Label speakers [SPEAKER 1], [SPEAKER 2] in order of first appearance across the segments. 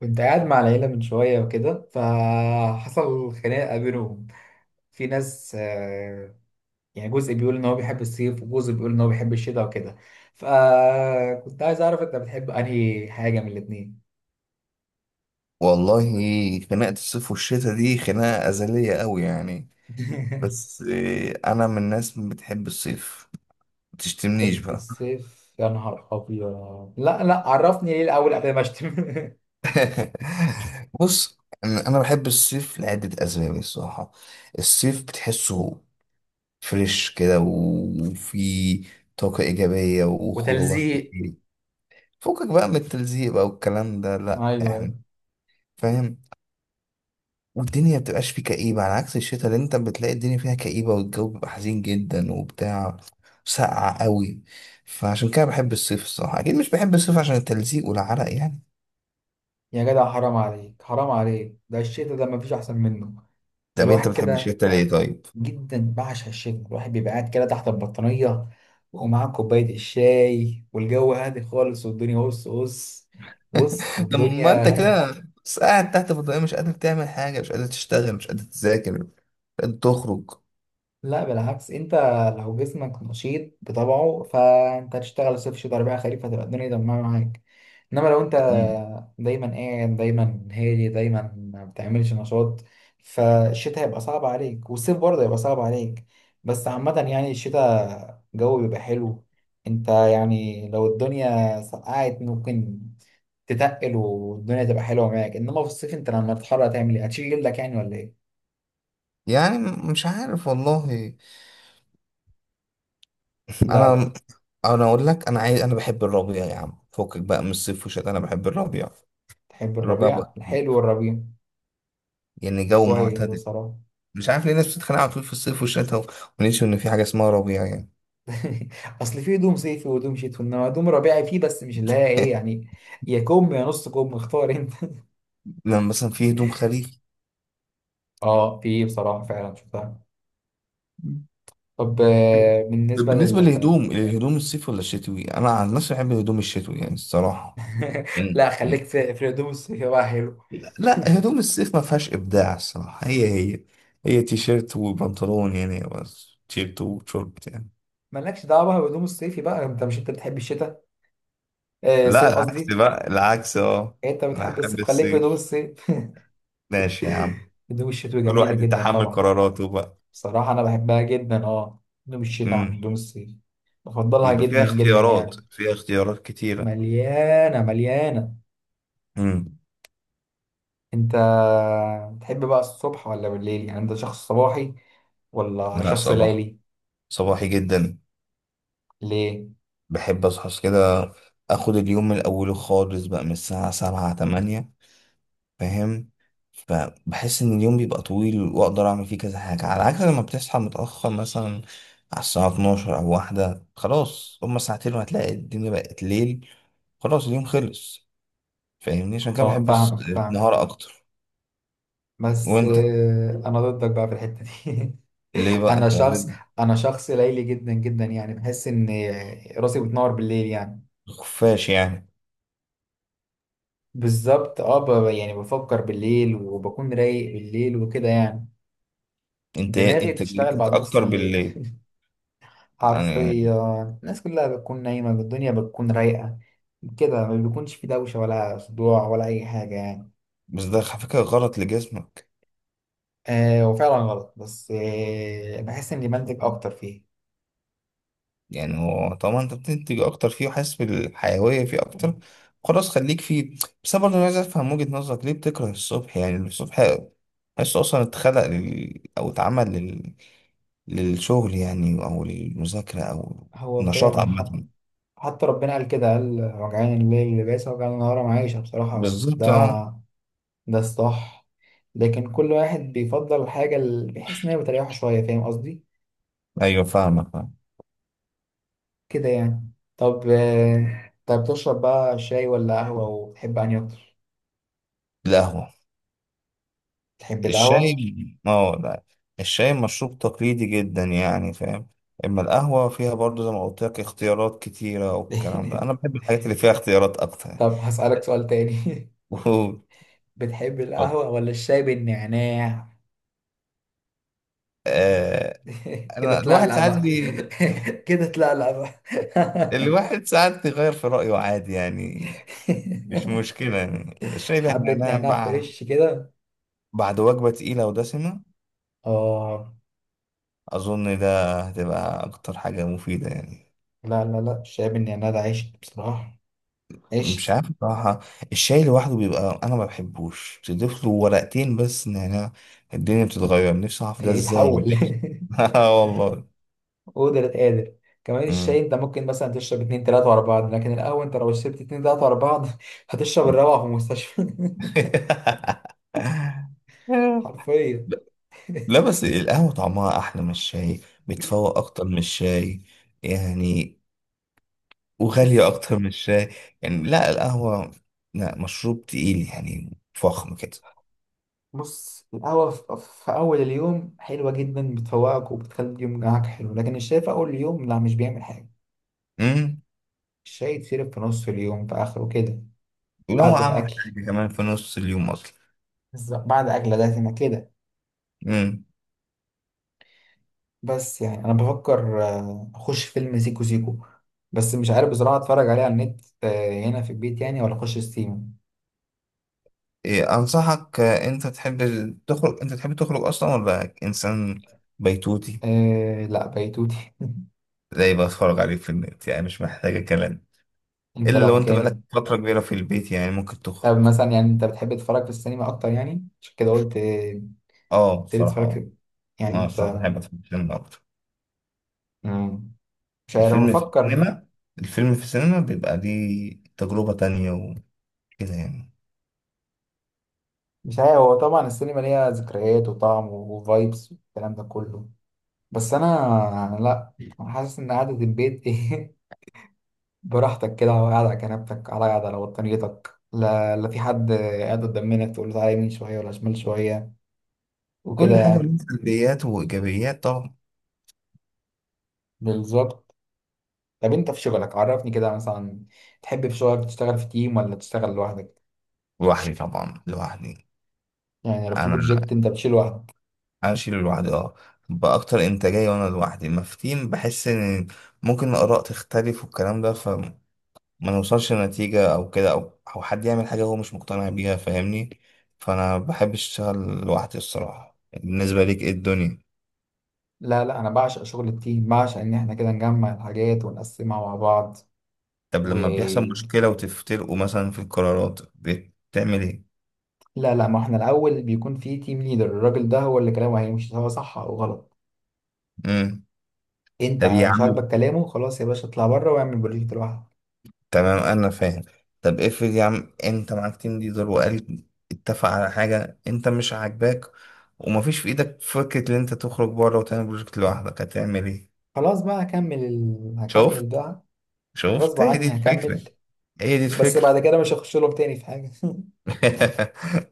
[SPEAKER 1] كنت قاعد مع العيلة من شوية وكده فحصل خناقة بينهم. في ناس، يعني جزء بيقول إن هو بيحب الصيف وجزء بيقول إن هو بيحب الشتاء وكده. فكنت عايز أعرف أنت بتحب أنهي حاجة من الاتنين؟
[SPEAKER 2] والله، خناقة الصيف والشتاء دي خناقة أزلية قوي يعني. بس إيه، أنا من الناس اللي بتحب الصيف. ما تشتمنيش
[SPEAKER 1] بحب
[SPEAKER 2] بقى.
[SPEAKER 1] الصيف يا نهار أبيض! لا لا، عرفني ليه الأول قبل ما أشتم.
[SPEAKER 2] بص، أنا بحب الصيف لعدة أسباب الصراحة. الصيف بتحسه فريش كده، وفي طاقة إيجابية وخروجات
[SPEAKER 1] وتلزيق.
[SPEAKER 2] كتير. فكك بقى من التلزيق بقى والكلام ده،
[SPEAKER 1] أيوه
[SPEAKER 2] لأ يعني.
[SPEAKER 1] أيوه.
[SPEAKER 2] فاهم. والدنيا بتبقاش فيه كئيبة، على عكس الشتاء اللي انت بتلاقي الدنيا فيها كئيبة، والجو بيبقى حزين جدا وبتاع. ساقعة قوي. فعشان كده بحب الصيف الصراحة. أكيد مش بحب الصيف عشان التلزيق والعرق يعني.
[SPEAKER 1] يا جدع، حرام عليك حرام عليك، ده الشتاء ده مفيش أحسن منه. ده
[SPEAKER 2] طب انت
[SPEAKER 1] الواحد
[SPEAKER 2] بتحب
[SPEAKER 1] كده
[SPEAKER 2] الشتاء ليه طيب؟
[SPEAKER 1] جدا بعشق الشتاء، الواحد بيبقى قاعد كده تحت البطانية ومعاه كوباية الشاي والجو هادي خالص والدنيا، بص بص بص،
[SPEAKER 2] طب ما
[SPEAKER 1] والدنيا.
[SPEAKER 2] انت كده بس قاعد تحت في الضيقة، مش قادر تعمل حاجة، مش قادر تشتغل، مش قادر تذاكر، مش قادر تخرج.
[SPEAKER 1] لا بالعكس، انت لو جسمك نشيط بطبعه فانت هتشتغل صيف شتاء ربيع خريف، هتبقى الدنيا تمام معاك. انما لو انت
[SPEAKER 2] مم.
[SPEAKER 1] دايما قاعد دايما هادي دايما ما بتعملش نشاط، فالشتاء هيبقى صعب عليك والصيف برضه هيبقى صعب عليك. بس عامة يعني الشتاء الجو بيبقى حلو. انت يعني لو الدنيا سقعت ممكن تتقل والدنيا تبقى حلوة معاك، انما في الصيف انت لما تتحرر هتعمل ايه؟ هتشيل جلدك يعني ولا ايه؟
[SPEAKER 2] يعني مش عارف والله.
[SPEAKER 1] لا لا.
[SPEAKER 2] انا انا اقول لك انا عايز انا بحب الربيع يا عم، فكك بقى من الصيف والشتاء، انا بحب الربيع.
[SPEAKER 1] تحب
[SPEAKER 2] الربيع بقى.
[SPEAKER 1] الربيع؟ الحلو والربيع
[SPEAKER 2] يعني جو
[SPEAKER 1] كويس
[SPEAKER 2] معتدل.
[SPEAKER 1] بصراحة.
[SPEAKER 2] مش عارف ليه الناس بتتخانق على طول في الصيف والشتاء، وننسوا ان في حاجه اسمها ربيع يعني.
[SPEAKER 1] أصل في هدوم صيفي وهدوم شتوي، إنما هدوم ربيعي فيه بس مش اللي هي إيه يعني. يا كم يا نص كم، اختار أنت.
[SPEAKER 2] لما مثلا في هدوم خريفي.
[SPEAKER 1] أه في بصراحة، فعلا شفتها. طب، آه،
[SPEAKER 2] طب
[SPEAKER 1] بالنسبة
[SPEAKER 2] بالنسبه
[SPEAKER 1] لل
[SPEAKER 2] للهدوم، الصيف ولا الشتوي؟ انا عن نفسي بحب الهدوم الشتوي يعني الصراحه. إن-
[SPEAKER 1] لا، خليك في الهدوم الصيفي بقى، حلو.
[SPEAKER 2] لا، هدوم الصيف ما فيهاش ابداع الصراحه. هي هي تيشيرت وبنطلون يعني، بس تيشيرت وشورت يعني.
[SPEAKER 1] مالكش دعوة بهدوم الصيفي بقى. أنت مش أنت بتحب الشتاء؟ آه
[SPEAKER 2] لا
[SPEAKER 1] الصيف
[SPEAKER 2] العكس
[SPEAKER 1] قصدي.
[SPEAKER 2] بقى، العكس اه.
[SPEAKER 1] أنت
[SPEAKER 2] انا
[SPEAKER 1] بتحب
[SPEAKER 2] حابب
[SPEAKER 1] الصيف، خليك في هدوم
[SPEAKER 2] الصيف.
[SPEAKER 1] الصيف.
[SPEAKER 2] ماشي يا عم،
[SPEAKER 1] هدوم الشتوي
[SPEAKER 2] كل
[SPEAKER 1] جميلة
[SPEAKER 2] واحد
[SPEAKER 1] جدا
[SPEAKER 2] يتحمل
[SPEAKER 1] طبعا.
[SPEAKER 2] قراراته
[SPEAKER 1] بصراحة أنا بحبها جدا، أه، هدوم الشتاء عن
[SPEAKER 2] بقى.
[SPEAKER 1] هدوم الصيف بفضلها
[SPEAKER 2] بيبقى فيها
[SPEAKER 1] جدا جدا
[SPEAKER 2] اختيارات،
[SPEAKER 1] يعني.
[SPEAKER 2] فيها اختيارات كتيرة.
[SPEAKER 1] مليانة مليانة.
[SPEAKER 2] امم.
[SPEAKER 1] انت تحب بقى الصبح ولا بالليل؟ يعني انت شخص صباحي ولا
[SPEAKER 2] لا
[SPEAKER 1] شخص
[SPEAKER 2] صباح،
[SPEAKER 1] ليلي؟
[SPEAKER 2] صباحي جدا.
[SPEAKER 1] ليه؟
[SPEAKER 2] بحب اصحى كده، اخد اليوم من اوله خالص بقى، من الساعة 7 8. فاهم. فبحس ان اليوم بيبقى طويل واقدر اعمل فيه كذا حاجة، على عكس لما بتصحى متأخر مثلا على الساعة 12 او 1، خلاص هما ساعتين وهتلاقي الدنيا بقت ليل، خلاص اليوم خلص. فاهمني، عشان كده
[SPEAKER 1] اه
[SPEAKER 2] بحب
[SPEAKER 1] فاهمك، فاهم.
[SPEAKER 2] النهار اكتر.
[SPEAKER 1] بس،
[SPEAKER 2] وانت
[SPEAKER 1] انا ضدك بقى في الحتة دي.
[SPEAKER 2] ليه بقى
[SPEAKER 1] انا
[SPEAKER 2] انت؟
[SPEAKER 1] شخص انا شخص ليلي جدا جدا، يعني بحس ان راسي بتنور بالليل يعني.
[SPEAKER 2] خفاش يعني.
[SPEAKER 1] بالظبط، اه. يعني بفكر بالليل وبكون رايق بالليل وكده يعني.
[SPEAKER 2] انت
[SPEAKER 1] دماغي بتشتغل
[SPEAKER 2] انتاجيتك
[SPEAKER 1] بعد نص
[SPEAKER 2] اكتر
[SPEAKER 1] الليل،
[SPEAKER 2] بالليل
[SPEAKER 1] حرفيا.
[SPEAKER 2] يعني.
[SPEAKER 1] الناس كلها بتكون نايمة، الدنيا بتكون رايقة، كده ما بيكونش في دوشة ولا صداع ولا أي حاجة يعني.
[SPEAKER 2] بس ده على فكرة غلط لجسمك.
[SPEAKER 1] آه هو فعلا غلط، بس آه بحس إني بنتج أكتر فيه.
[SPEAKER 2] يعني هو طالما انت بتنتج اكتر فيه، وحاسس بالحيوية فيه اكتر، خلاص خليك فيه. بس انا برضه عايز افهم وجهة نظرك، ليه بتكره الصبح؟ يعني الصبح حاسه اصلا اتخلق لل... او اتعمل لل... للشغل يعني، او للمذاكرة، او
[SPEAKER 1] هو
[SPEAKER 2] نشاط
[SPEAKER 1] فعلا، حتى
[SPEAKER 2] عامة.
[SPEAKER 1] حتى ربنا قال كده، قال وجعان الليل لباسا وجعان النهار معيشة. بصراحة هو ده
[SPEAKER 2] بالظبط اه.
[SPEAKER 1] ده الصح. لكن كل واحد بيفضل الحاجة اللي بيحس إن هي بتريحه شوية، فاهم قصدي؟
[SPEAKER 2] ايوه فاهمك، فاهم.
[SPEAKER 1] كده يعني. طب، آه، طب بتشرب بقى شاي ولا قهوة؟ وبتحب أنهي أكتر؟
[SPEAKER 2] القهوة.
[SPEAKER 1] تحب
[SPEAKER 2] الشاي؟
[SPEAKER 1] القهوة؟
[SPEAKER 2] اه لا، الشاي مشروب تقليدي جدا يعني، فاهم. اما القهوة فيها برضو، زي ما قلت لك، اختيارات كتيرة والكلام ده، انا بحب الحاجات اللي فيها اختيارات اكتر.
[SPEAKER 1] طب هسألك سؤال تاني. بتحب
[SPEAKER 2] اتفضل.
[SPEAKER 1] القهوة ولا الشاي بالنعناع؟
[SPEAKER 2] آه.
[SPEAKER 1] كده
[SPEAKER 2] انا الواحد
[SPEAKER 1] تلقلق
[SPEAKER 2] ساعات
[SPEAKER 1] بقى. كده تلقلق بقى.
[SPEAKER 2] الواحد ساعات بيغير في رأيه عادي يعني، مش مشكلة يعني. الشاي بقى
[SPEAKER 1] حبة
[SPEAKER 2] نعناع،
[SPEAKER 1] نعناع
[SPEAKER 2] مع
[SPEAKER 1] فريش كده.
[SPEAKER 2] بعد وجبة تقيلة ودسمة
[SPEAKER 1] اه.
[SPEAKER 2] اظن ده هتبقى اكتر حاجة مفيدة يعني.
[SPEAKER 1] لا لا لا، الشاي بالنعناع ده عشت بصراحة،
[SPEAKER 2] مش
[SPEAKER 1] عشت.
[SPEAKER 2] عارف بصراحة، الشاي لوحده بيبقى، أنا ما بحبوش. تضيف له ورقتين بس نعناع، الدنيا بتتغير. نفسي أعرف ده
[SPEAKER 1] تلاقيه
[SPEAKER 2] إزاي
[SPEAKER 1] اتحول.
[SPEAKER 2] يعني. آه والله.
[SPEAKER 1] قدرة قادر. كمان الشاي
[SPEAKER 2] مم.
[SPEAKER 1] انت ممكن مثلا تشرب اتنين تلاتة ورا بعض، لكن القهوة انت لو شربت اتنين تلاتة ورا بعض هتشرب الروعة في المستشفى. حرفيا.
[SPEAKER 2] لا بس القهوة طعمها أحلى من الشاي، بتفوق أكتر من الشاي يعني، وغالية
[SPEAKER 1] بص
[SPEAKER 2] أكتر من الشاي يعني. لا القهوة لا، مشروب تقيل يعني، فخم كده.
[SPEAKER 1] بص، القهوة في في أول اليوم حلوة جدا، بتفوقك وبتخلي اليوم معاك حلو، لكن الشاي في أول اليوم لا مش بيعمل حاجة.
[SPEAKER 2] مم.
[SPEAKER 1] الشاي يتشرب في نص اليوم، في آخره كده،
[SPEAKER 2] ولو
[SPEAKER 1] بعد
[SPEAKER 2] عمل
[SPEAKER 1] الأكل،
[SPEAKER 2] حاجة كمان في نص اليوم.
[SPEAKER 1] بس بعد أكلة دسمة كده.
[SPEAKER 2] أصلا.
[SPEAKER 1] بس يعني أنا بفكر، أخش فيلم سيكو سيكو، بس مش عارف بصراحة أتفرج عليه على النت، هنا في البيت يعني، ولا أخش ستيم.
[SPEAKER 2] إيه، أنصحك. آه، أنت تحب تخرج؟ أنت تحب تخرج أصلا ولا إنسان بيتوتي؟
[SPEAKER 1] أه لا بيتوتي.
[SPEAKER 2] زي بتفرج عليه في النت يعني، مش محتاجة كلام،
[SPEAKER 1] أنت
[SPEAKER 2] إلا
[SPEAKER 1] لو
[SPEAKER 2] لو أنت بقالك
[SPEAKER 1] مكاني.
[SPEAKER 2] فترة كبيرة في البيت يعني ممكن تخرج.
[SPEAKER 1] طب مثلا يعني أنت بتحب تتفرج في السينما أكتر؟ يعني عشان كده قلت،
[SPEAKER 2] أه
[SPEAKER 1] تبتدي
[SPEAKER 2] بصراحة
[SPEAKER 1] تتفرج
[SPEAKER 2] أه.
[SPEAKER 1] في، يعني
[SPEAKER 2] أنا
[SPEAKER 1] أنت.
[SPEAKER 2] بصراحة بحب أتفرج في السينما أكتر.
[SPEAKER 1] مم. مش عارف،
[SPEAKER 2] الفيلم في
[SPEAKER 1] بفكر.
[SPEAKER 2] السينما، الفيلم في السينما بيبقى ليه تجربة تانية وكده يعني.
[SPEAKER 1] مش عارف، هو طبعا السينما ليها ذكريات وطعم وفايبس والكلام ده كله، بس انا أنا لا، انا حاسس ان قعدة البيت ايه، براحتك كده قاعد على كنبتك، على قاعد على بطانيتك، لا لا في حد قاعد قدام منك تقول له تعالى يمين شوية ولا شمال شوية وكده
[SPEAKER 2] كل حاجة
[SPEAKER 1] يعني.
[SPEAKER 2] ليها سلبيات وإيجابيات طبعا.
[SPEAKER 1] بالظبط. طب انت في شغلك عرفني كده مثلا، تحب في شغلك تشتغل في تيم ولا تشتغل لوحدك؟
[SPEAKER 2] لوحدي طبعا، لوحدي.
[SPEAKER 1] يعني لو في
[SPEAKER 2] أنا
[SPEAKER 1] بروجكت انت بتشيله لوحدك؟
[SPEAKER 2] انا اشيله لوحدي اه، باكتر انتاجيه. وانا لوحدي ما في تيم، بحس ان ممكن الاراء تختلف والكلام ده، فما نوصلش لنتيجه، او كده، او حد يعمل حاجه هو مش مقتنع بيها، فاهمني. فانا بحب اشتغل لوحدي الصراحه. بالنسبه ليك ايه الدنيا؟
[SPEAKER 1] لا لا، انا بعشق شغل التيم، بعشق ان احنا كده نجمع الحاجات ونقسمها مع بعض.
[SPEAKER 2] طب
[SPEAKER 1] و
[SPEAKER 2] لما بيحصل مشكله وتفترقوا مثلا في القرارات، بتعمل ايه؟
[SPEAKER 1] لا لا، ما احنا الاول بيكون في تيم ليدر، الراجل ده هو اللي كلامه هيمشي سواء صح او غلط.
[SPEAKER 2] امم.
[SPEAKER 1] انت
[SPEAKER 2] طب يا
[SPEAKER 1] مش
[SPEAKER 2] عم،
[SPEAKER 1] عاجبك كلامه خلاص يا باشا، اطلع بره واعمل بروجكت لوحدك.
[SPEAKER 2] تمام انا فاهم. طب افرض يا عم انت معاك تيم ليدر وقال اتفق على حاجه انت مش عاجباك، ومفيش في ايدك فكره ان انت تخرج بره وتعمل بروجكت لوحدك، هتعمل ايه؟
[SPEAKER 1] خلاص بقى هكمل ال... هكمل
[SPEAKER 2] شفت؟
[SPEAKER 1] بقى. غصب
[SPEAKER 2] شفت، هي دي
[SPEAKER 1] عني هكمل.
[SPEAKER 2] الفكره، هي دي
[SPEAKER 1] بس
[SPEAKER 2] الفكره.
[SPEAKER 1] بعد كده مش هخش لهم تاني في حاجه.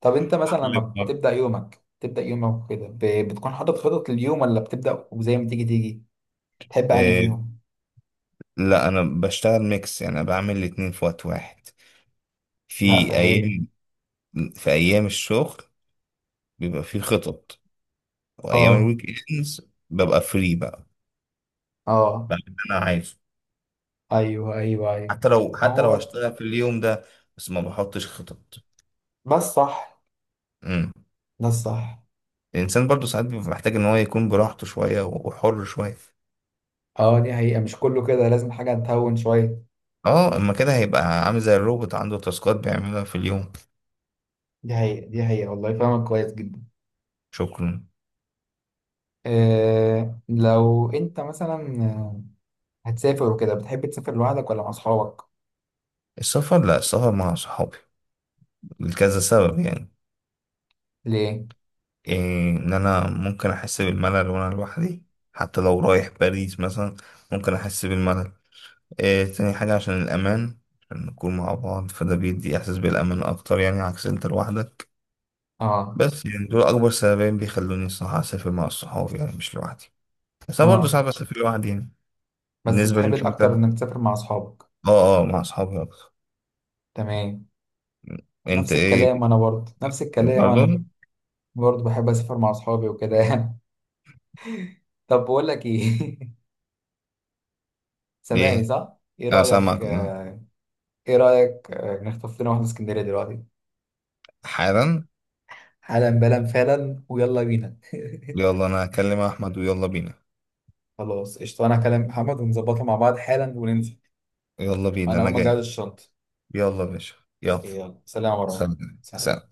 [SPEAKER 1] طب انت مثلا
[SPEAKER 2] حل
[SPEAKER 1] لما
[SPEAKER 2] المرض.
[SPEAKER 1] بتبدا يومك، بتبدا يومك كده ب... بتكون حاطط خطط لليوم ولا بتبدا وزي ما تيجي تيجي؟ تحب اني
[SPEAKER 2] إيه،
[SPEAKER 1] فيهم.
[SPEAKER 2] لا انا بشتغل ميكس يعني، انا بعمل الاتنين في وقت واحد.
[SPEAKER 1] لا
[SPEAKER 2] في
[SPEAKER 1] فهمني.
[SPEAKER 2] ايام، في ايام الشغل بيبقى فيه خطط، وايام
[SPEAKER 1] اه.
[SPEAKER 2] الويك اندز ببقى فري بقى،
[SPEAKER 1] اه.
[SPEAKER 2] بعمل اللي انا عايزه.
[SPEAKER 1] ايوه ايوه ايوه.
[SPEAKER 2] حتى لو
[SPEAKER 1] ما
[SPEAKER 2] حتى لو
[SPEAKER 1] هو
[SPEAKER 2] هشتغل في اليوم ده، بس ما بحطش خطط.
[SPEAKER 1] ده الصح
[SPEAKER 2] امم.
[SPEAKER 1] ده الصح.
[SPEAKER 2] الانسان برضو ساعات بيبقى محتاج ان هو يكون براحته شويه وحر شويه.
[SPEAKER 1] اه دي حقيقة، مش كله كده لازم حاجة تهون شوية.
[SPEAKER 2] اه، اما كده هيبقى عامل زي الروبوت، عنده تاسكات بيعملها في اليوم.
[SPEAKER 1] دي حقيقة دي حقيقة والله، فاهمك كويس جدا.
[SPEAKER 2] شكرا.
[SPEAKER 1] آه لو انت مثلا، هتسافر وكده، بتحب تسافر لوحدك ولا مع اصحابك؟
[SPEAKER 2] السفر؟ لا، السفر مع صحابي، لكذا سبب يعني.
[SPEAKER 1] ليه؟
[SPEAKER 2] إيه، ان انا ممكن احس بالملل وانا لوحدي، حتى لو رايح باريس مثلا ممكن احس بالملل. إيه تاني حاجه، عشان الامان، عشان نكون مع بعض فده بيدي احساس بالامان اكتر، يعني عكس انت لوحدك.
[SPEAKER 1] اه.
[SPEAKER 2] بس يعني دول أكبر سببين بيخلوني الصراحة أسافر مع الصحاب يعني، مش لوحدي. بس أنا برضه
[SPEAKER 1] اه.
[SPEAKER 2] صعب أسافر لوحدي يعني.
[SPEAKER 1] بس
[SPEAKER 2] بالنسبة
[SPEAKER 1] بتحب
[SPEAKER 2] ليك أنت؟
[SPEAKER 1] الاكتر انك تسافر مع اصحابك.
[SPEAKER 2] أه أه، مع أصحابي أكتر.
[SPEAKER 1] تمام.
[SPEAKER 2] أنت
[SPEAKER 1] نفس الكلام،
[SPEAKER 2] إيه؟
[SPEAKER 1] انا برضه نفس الكلام، انا
[SPEAKER 2] برضه؟
[SPEAKER 1] برضه بحب اسافر مع اصحابي وكده يعني. طب بقول لك ايه، سامعني
[SPEAKER 2] ليه؟
[SPEAKER 1] صح؟ ايه
[SPEAKER 2] أنا سامعك،
[SPEAKER 1] رأيك
[SPEAKER 2] أه.
[SPEAKER 1] آه، ايه رأيك آه نخطف لنا واحدة اسكندرية دلوقتي؟
[SPEAKER 2] حالا.
[SPEAKER 1] حالا بلا فعلا، ويلا بينا.
[SPEAKER 2] يلا، أنا هكلم أحمد ويلا بينا.
[SPEAKER 1] خلاص قشطة، أنا هكلم محمد ونظبطها مع بعض حالا وننزل.
[SPEAKER 2] يلا بينا،
[SPEAKER 1] أنا
[SPEAKER 2] أنا
[SPEAKER 1] أقوم أجهز
[SPEAKER 2] جاهز.
[SPEAKER 1] الشنطة.
[SPEAKER 2] يلا يا باشا، يلا.
[SPEAKER 1] يلا سلام يا مروان.
[SPEAKER 2] سلام
[SPEAKER 1] سلام.
[SPEAKER 2] سلام.